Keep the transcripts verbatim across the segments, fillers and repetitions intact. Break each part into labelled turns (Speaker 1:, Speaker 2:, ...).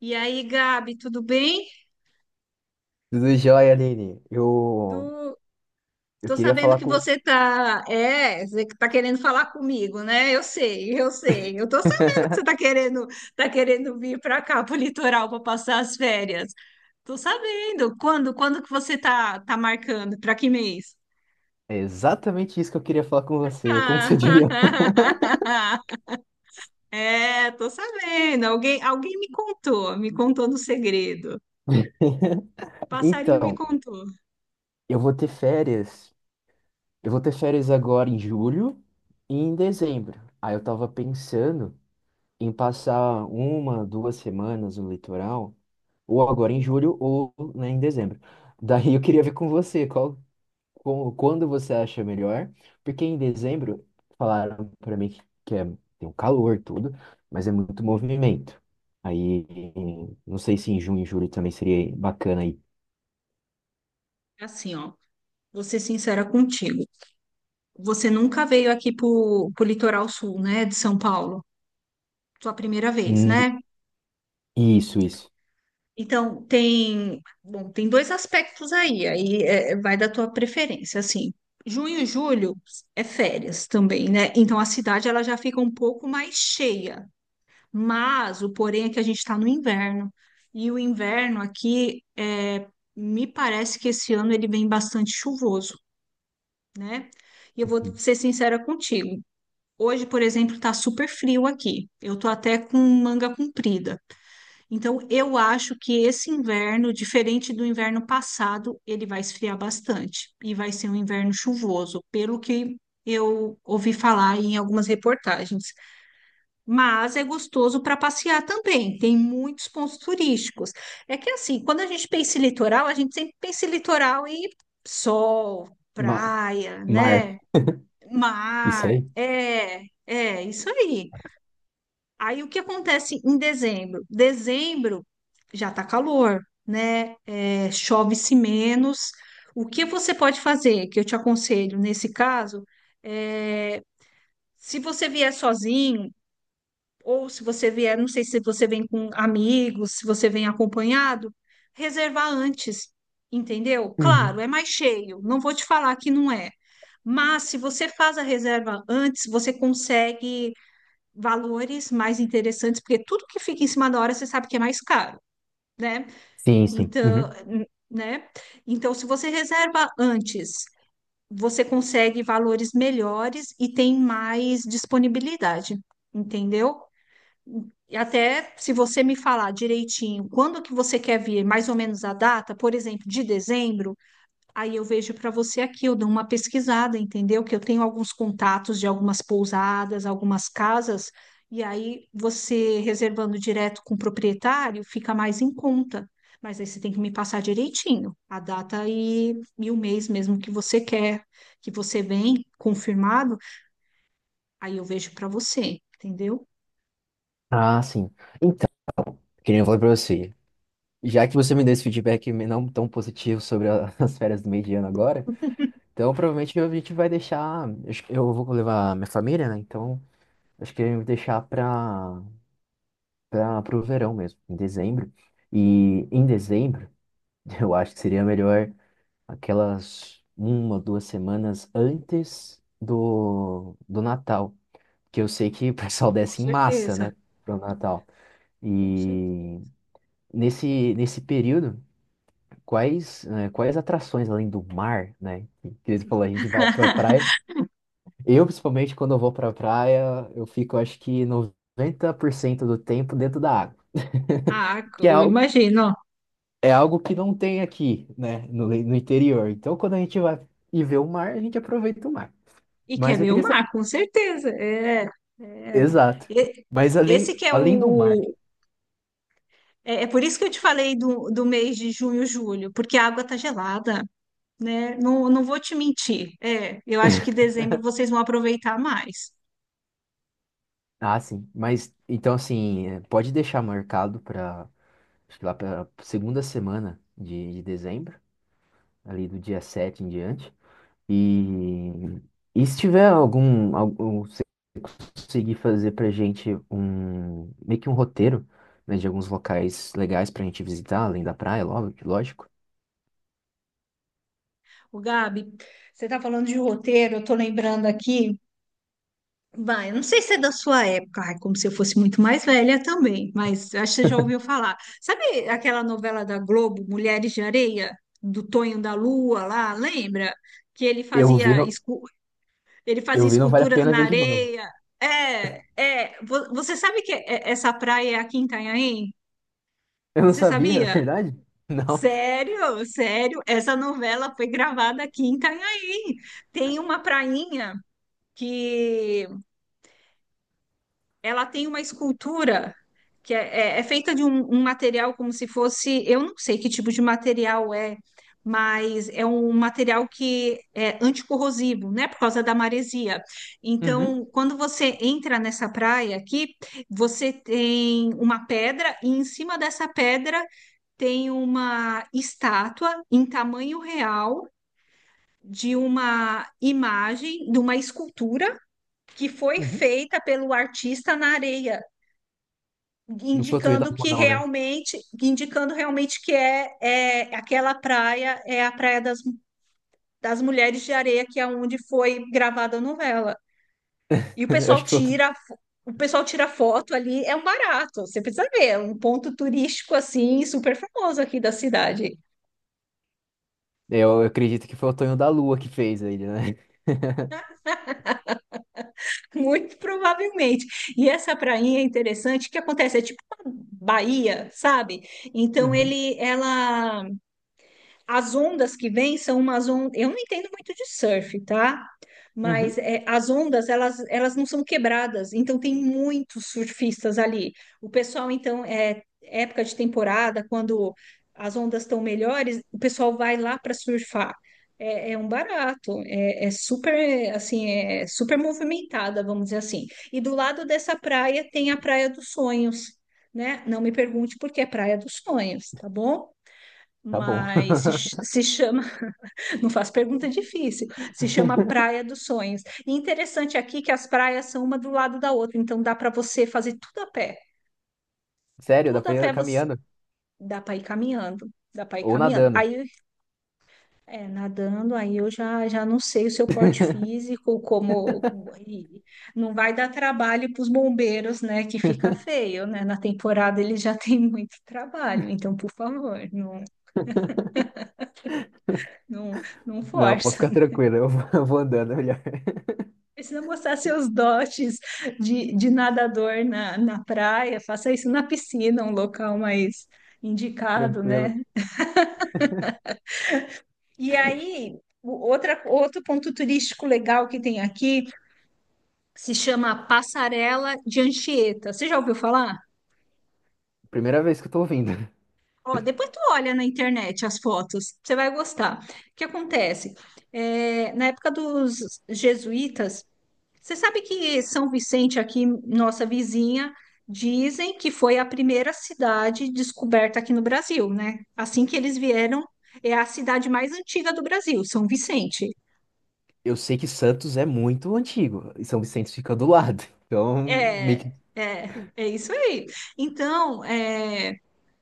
Speaker 1: E aí, Gabi, tudo bem?
Speaker 2: Tudo jóia, Aline.
Speaker 1: Tu,
Speaker 2: Eu, eu
Speaker 1: tô
Speaker 2: queria
Speaker 1: sabendo
Speaker 2: falar
Speaker 1: que
Speaker 2: com.
Speaker 1: você tá, é, você que tá querendo falar comigo, né? Eu sei, eu sei. Eu tô sabendo que você tá querendo, tá querendo vir para cá, pro litoral, para passar as férias. Tô sabendo. Quando, quando que você tá, tá marcando? Para que mês?
Speaker 2: É exatamente isso que eu queria falar com você. Como
Speaker 1: Ah,
Speaker 2: você diria?
Speaker 1: é, tô sabendo. Alguém, alguém me contou, me contou no segredo. Passarinho me
Speaker 2: Então,
Speaker 1: contou.
Speaker 2: eu vou ter férias. Eu vou ter férias agora em julho e em dezembro. Aí eu tava pensando em passar uma, duas semanas no litoral, ou agora em
Speaker 1: Ele,
Speaker 2: julho, ou, né, em dezembro. Daí eu queria ver com você. Qual, com- quando você acha melhor, porque em dezembro falaram para mim que, que é, tem um calor tudo, mas é muito movimento. Aí, não sei se em junho e julho também seria bacana aí.
Speaker 1: é assim, ó, vou ser sincera contigo. Você nunca veio aqui pro, pro litoral sul, né, de São Paulo? Sua primeira vez,
Speaker 2: Hum,
Speaker 1: né?
Speaker 2: isso, isso.
Speaker 1: Então, tem, bom, tem dois aspectos aí, aí é, vai da tua preferência, assim. Junho e julho é férias também, né? Então a cidade ela já fica um pouco mais cheia. Mas o porém é que a gente está no inverno. E o inverno aqui, é, me parece que esse ano ele vem bastante chuvoso, né? E eu vou ser sincera contigo. Hoje, por exemplo, tá super frio aqui. Eu tô até com manga comprida. Então, eu acho que esse inverno, diferente do inverno passado, ele vai esfriar bastante e vai ser um inverno chuvoso, pelo que eu ouvi falar em algumas reportagens. Mas é gostoso para passear também, tem muitos pontos turísticos. É que assim, quando a gente pensa em litoral, a gente sempre pensa em litoral e sol,
Speaker 2: Mar,
Speaker 1: praia,
Speaker 2: mar.
Speaker 1: né?
Speaker 2: Isso
Speaker 1: Mar,
Speaker 2: aí?
Speaker 1: é, é, isso aí. Aí o que acontece em dezembro? Dezembro já tá calor, né? É, chove-se menos. O que você pode fazer, que eu te aconselho nesse caso, é, se você vier sozinho, ou se você vier, não sei se você vem com amigos, se você vem acompanhado, reservar antes, entendeu? Claro,
Speaker 2: Uhum.
Speaker 1: é mais cheio, não vou te falar que não é. Mas se você faz a reserva antes, você consegue valores mais interessantes, porque tudo que fica em cima da hora, você sabe que é mais caro, né?
Speaker 2: Sim, sim. Uhum.
Speaker 1: Então, n- né? Então, se você reserva antes, você consegue valores melhores e tem mais disponibilidade, entendeu? E até se você me falar direitinho quando que você quer vir, mais ou menos a data, por exemplo, de dezembro, aí eu vejo para você aqui, eu dou uma pesquisada, entendeu? Que eu tenho alguns contatos de algumas pousadas, algumas casas, e aí você reservando direto com o proprietário fica mais em conta. Mas aí você tem que me passar direitinho a data e, e o mês mesmo que você quer, que você vem confirmado, aí eu vejo para você, entendeu?
Speaker 2: Ah, sim. Então, queria falar pra você. Já que você me deu esse feedback não tão positivo sobre a- as férias do meio de ano agora, então provavelmente a gente vai deixar. Eu acho que eu vou levar minha família, né? Então acho que eu vou deixar para para pro verão mesmo, em dezembro. E em dezembro, eu acho que seria melhor aquelas uma, duas semanas antes do, do Natal, que eu sei que o pessoal
Speaker 1: Com
Speaker 2: desce em massa,
Speaker 1: certeza,
Speaker 2: né, pro Natal.
Speaker 1: com
Speaker 2: E
Speaker 1: certeza.
Speaker 2: nesse nesse período, quais, né, quais atrações além do mar, né, que eles falou, a gente vai pra praia. Eu, principalmente, quando eu vou pra praia, eu fico, acho que noventa por cento do tempo dentro da água.
Speaker 1: Ah,
Speaker 2: Que é
Speaker 1: eu
Speaker 2: algo,
Speaker 1: imagino.
Speaker 2: é algo que não tem aqui, né, no, no interior. Então, quando a gente vai e vê o mar, a gente aproveita o mar.
Speaker 1: E quer
Speaker 2: Mas eu
Speaker 1: ver o
Speaker 2: queria saber.
Speaker 1: mar, com certeza. É, é.
Speaker 2: Exato.
Speaker 1: E-
Speaker 2: Mas além,
Speaker 1: Esse que é
Speaker 2: além do mar.
Speaker 1: o. É, é por isso que eu te falei do, do mês de junho, julho, porque a água tá gelada, né? Não, não vou te mentir. É, eu acho que dezembro vocês vão aproveitar mais.
Speaker 2: Ah, sim. Mas, então, assim, é, pode deixar marcado para, acho que lá para segunda semana de, de dezembro, ali do dia sete em diante. E, e se tiver algum, algum. Conseguir fazer pra gente um meio que um roteiro, né, de alguns locais legais pra gente visitar, além da praia, lo- lógico.
Speaker 1: O Gabi, você tá falando de roteiro, eu tô lembrando aqui. Vai, eu não sei se é da sua época, ai, como se eu fosse muito mais velha também, mas acho que você já ouviu falar. Sabe aquela novela da Globo, Mulheres de Areia, do Tonho da Lua lá, lembra? Que ele
Speaker 2: Eu vi,
Speaker 1: fazia,
Speaker 2: não,
Speaker 1: escu- ele fazia
Speaker 2: eu vi, não vale a
Speaker 1: esculturas
Speaker 2: pena
Speaker 1: na
Speaker 2: ver de novo.
Speaker 1: areia. É, é, vo- você sabe que é- essa praia é aqui em Itanhaém?
Speaker 2: Eu não
Speaker 1: Você
Speaker 2: sabia, é
Speaker 1: sabia?
Speaker 2: verdade? Não.
Speaker 1: Sério, sério, essa novela foi gravada aqui em Itanhaém. Tem uma prainha que ela tem uma escultura que é, é- é feita de um, um material como se fosse, eu não sei que tipo de material é, mas é um material que é anticorrosivo, né, por causa da maresia.
Speaker 2: Uhum,
Speaker 1: Então, quando você entra nessa praia aqui, você tem uma pedra e em cima dessa pedra tem uma estátua em tamanho real. De uma imagem, de uma escultura que foi
Speaker 2: uhum.
Speaker 1: feita pelo artista na areia
Speaker 2: Não foi o Tonho da
Speaker 1: indicando
Speaker 2: Lua,
Speaker 1: que
Speaker 2: não, né?
Speaker 1: realmente, indicando realmente que é, é aquela praia, é a praia das, das mulheres de areia, que é onde foi gravada a novela. E o
Speaker 2: Eu acho
Speaker 1: pessoal
Speaker 2: que foi o... Tonho-
Speaker 1: tira, fo- o pessoal tira foto ali, é um barato, você precisa ver, é um ponto turístico assim, super famoso aqui da cidade,
Speaker 2: Eu eu acredito que foi o Tonho da Lua que fez ele, né?
Speaker 1: muito provavelmente. E essa prainha é interessante, o que acontece? É tipo uma baía, sabe? Então
Speaker 2: Uhum,
Speaker 1: ele, ela as ondas que vêm são umas ondas. Eu não entendo muito de surf, tá?
Speaker 2: uhum.
Speaker 1: Mas é, as ondas, elas, elas não são quebradas, então tem muitos surfistas ali. O pessoal, então, é época de temporada, quando as ondas estão melhores, o pessoal vai lá para surfar. É, é um barato, é, é super, assim, é super movimentada, vamos dizer assim. E do lado dessa praia tem a Praia dos Sonhos, né? Não me pergunte por que é Praia dos Sonhos, tá bom?
Speaker 2: Tá bom.
Speaker 1: mas se, ch- se chama, não faço pergunta difícil, se chama Praia dos Sonhos. E interessante aqui que as praias são uma do lado da outra, então dá para você fazer tudo a pé,
Speaker 2: Sério, dá
Speaker 1: tudo
Speaker 2: pra
Speaker 1: a
Speaker 2: ir
Speaker 1: pé você
Speaker 2: caminhando
Speaker 1: dá para ir caminhando, dá para ir
Speaker 2: ou
Speaker 1: caminhando.
Speaker 2: nadando.
Speaker 1: Aí é nadando, aí eu já já não sei o seu porte físico, como, como- e não vai dar trabalho para os bombeiros, né, que fica feio, né? Na temporada eles já têm muito trabalho, então por favor, não não não
Speaker 2: Não, pode
Speaker 1: força.
Speaker 2: ficar tranquilo, eu vou eu vou andando melhor.
Speaker 1: Precisa mostrar seus dotes de, de nadador na, na praia, faça isso na piscina, um local mais indicado, né?
Speaker 2: Tranquilo.
Speaker 1: E aí, o- outra, outro ponto turístico legal que tem aqui se chama Passarela de Anchieta. Você já ouviu falar?
Speaker 2: Primeira vez que eu tô ouvindo.
Speaker 1: Ó, depois tu olha na internet as fotos, você vai gostar. O que acontece? É, na época dos jesuítas. Você sabe que São Vicente, aqui, nossa vizinha, dizem que foi a primeira cidade descoberta aqui no Brasil, né? Assim que eles vieram, é a cidade mais antiga do Brasil, São Vicente.
Speaker 2: Eu sei que Santos é muito antigo e São Vicente fica do lado. Então, meio
Speaker 1: É,
Speaker 2: que
Speaker 1: é, é isso aí. Então, é,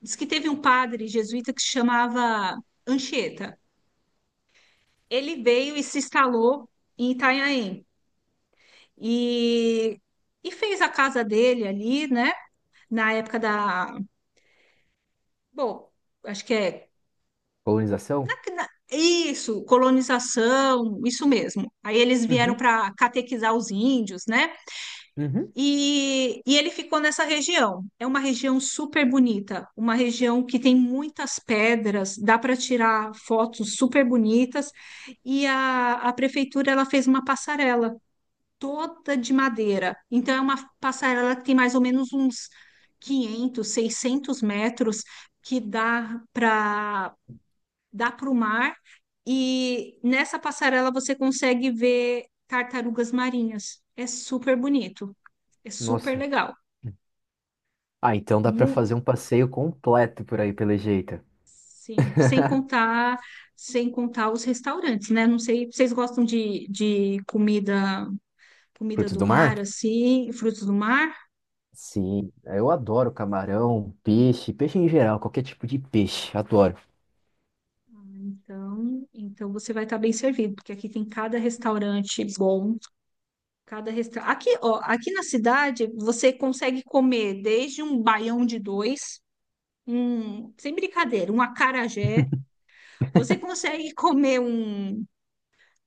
Speaker 1: diz que teve um padre jesuíta que se chamava Anchieta. Ele veio e se instalou em Itanhaém e, e fez a casa dele ali, né? Na época da, bom, acho que é
Speaker 2: colonização?
Speaker 1: na- na- isso, colonização, isso mesmo. Aí eles vieram
Speaker 2: Uhum,
Speaker 1: para catequizar os índios, né?
Speaker 2: uhum.
Speaker 1: E, e ele ficou nessa região. É uma região super bonita, uma região que tem muitas pedras, dá para tirar fotos super bonitas. E a, a prefeitura ela fez uma passarela toda de madeira. Então é uma passarela que tem mais ou menos uns quinhentos seiscentos metros que dá para dá para o mar, e nessa passarela você consegue ver tartarugas marinhas. É super bonito, é super
Speaker 2: Nossa.
Speaker 1: legal.
Speaker 2: Ah, então dá pra
Speaker 1: Mu-
Speaker 2: fazer um passeio completo por aí, pelo jeito.
Speaker 1: Sim, sem contar, sem contar os restaurantes, né? Não sei, vocês gostam de, de comida, comida
Speaker 2: Frutos
Speaker 1: do
Speaker 2: do mar?
Speaker 1: mar, assim, frutos do mar?
Speaker 2: Sim, eu adoro camarão, peixe, peixe em geral, qualquer tipo de peixe, adoro.
Speaker 1: Então, então você vai estar bem servido, porque aqui tem cada restaurante bom, cada restaurante. Aqui, ó, aqui na cidade você consegue comer desde um baião de dois um, sem brincadeira, um acarajé. Você consegue comer um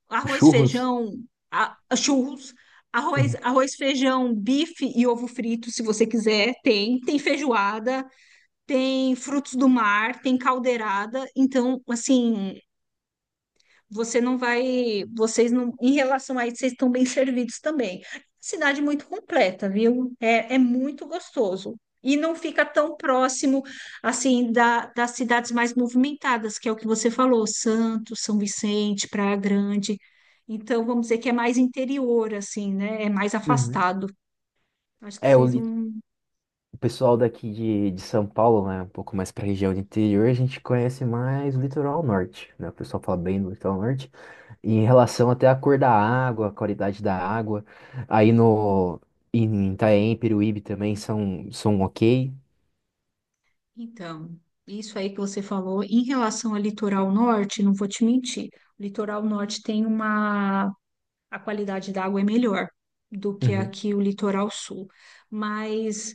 Speaker 1: arroz,
Speaker 2: Churros?
Speaker 1: feijão, a, churros, arroz,
Speaker 2: Uhum.
Speaker 1: arroz, feijão, bife e ovo frito, se você quiser. Tem, tem feijoada, tem frutos do mar, tem caldeirada. Então, assim você não vai, vocês não, em relação a isso, vocês estão bem servidos também. Cidade muito completa, viu? É, é muito gostoso. E não fica tão próximo, assim, da, das cidades mais movimentadas, que é o que você falou, Santos, São Vicente, Praia Grande. Então, vamos dizer que é mais interior, assim, né? É mais
Speaker 2: Uhum.
Speaker 1: afastado. Acho que
Speaker 2: É, o
Speaker 1: vocês vão.
Speaker 2: O pessoal daqui de, de São Paulo, né, um pouco mais para a região do interior, a gente conhece mais o litoral norte, né? O pessoal fala bem do litoral norte, e em relação até à cor da água, a qualidade da água. Aí no em Itanhaém, Peruíbe também são são ok.
Speaker 1: Então, isso aí que você falou, em relação ao litoral norte, não vou te mentir, o litoral norte tem uma a qualidade da água é melhor do que
Speaker 2: Uhum.
Speaker 1: aqui o litoral sul. Mas,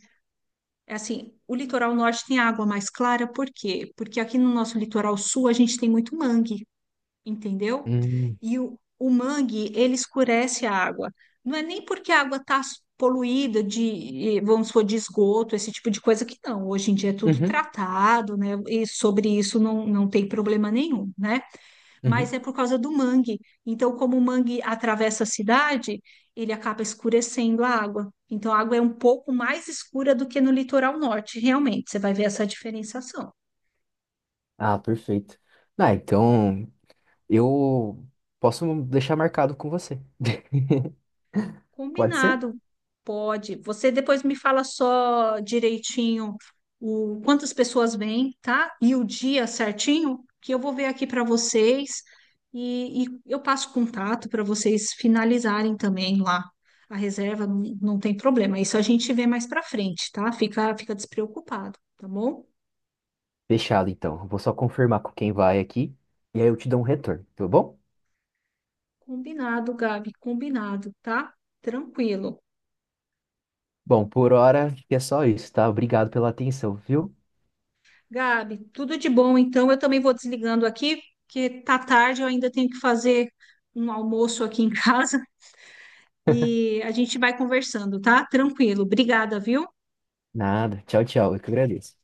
Speaker 1: assim, o litoral norte tem água mais clara, por quê? Porque aqui no nosso litoral sul a gente tem muito mangue, entendeu?
Speaker 2: Hum.
Speaker 1: E o, o mangue, ele escurece a água. Não é nem porque a água está poluída de, eh, vamos supor, de esgoto, esse tipo de coisa que não. Hoje em dia é tudo
Speaker 2: Uhum.
Speaker 1: tratado, né? E sobre isso não, não tem problema nenhum, né? mas
Speaker 2: Uhum.
Speaker 1: é por causa do mangue. Então, como o mangue atravessa a cidade, ele acaba escurecendo a água. Então, a água é um pouco mais escura do que no litoral norte, realmente. Você vai ver essa diferenciação.
Speaker 2: Ah, perfeito. Ah, então eu posso deixar marcado com você. Pode ser?
Speaker 1: Combinado. Pode. Você depois me fala só direitinho o quantas pessoas vêm, tá? E o dia certinho, que eu vou ver aqui para vocês e, e eu passo contato para vocês finalizarem também lá a reserva, não, não tem problema. Isso a gente vê mais para frente, tá? Fica, fica despreocupado, tá bom?
Speaker 2: Fechado, então. Vou só confirmar com quem vai aqui e aí eu te dou um retorno, tá bom?
Speaker 1: Combinado, Gabi, combinado, tá? Tranquilo.
Speaker 2: Bom, por hora acho que é só isso, tá? Obrigado pela atenção, viu?
Speaker 1: Gabi, tudo de bom. Então, eu também vou desligando aqui, porque tá tarde, eu ainda tenho que fazer um almoço aqui em casa e a gente vai conversando, tá? Tranquilo. Obrigada, viu?
Speaker 2: Nada. Tchau, tchau. Eu que agradeço.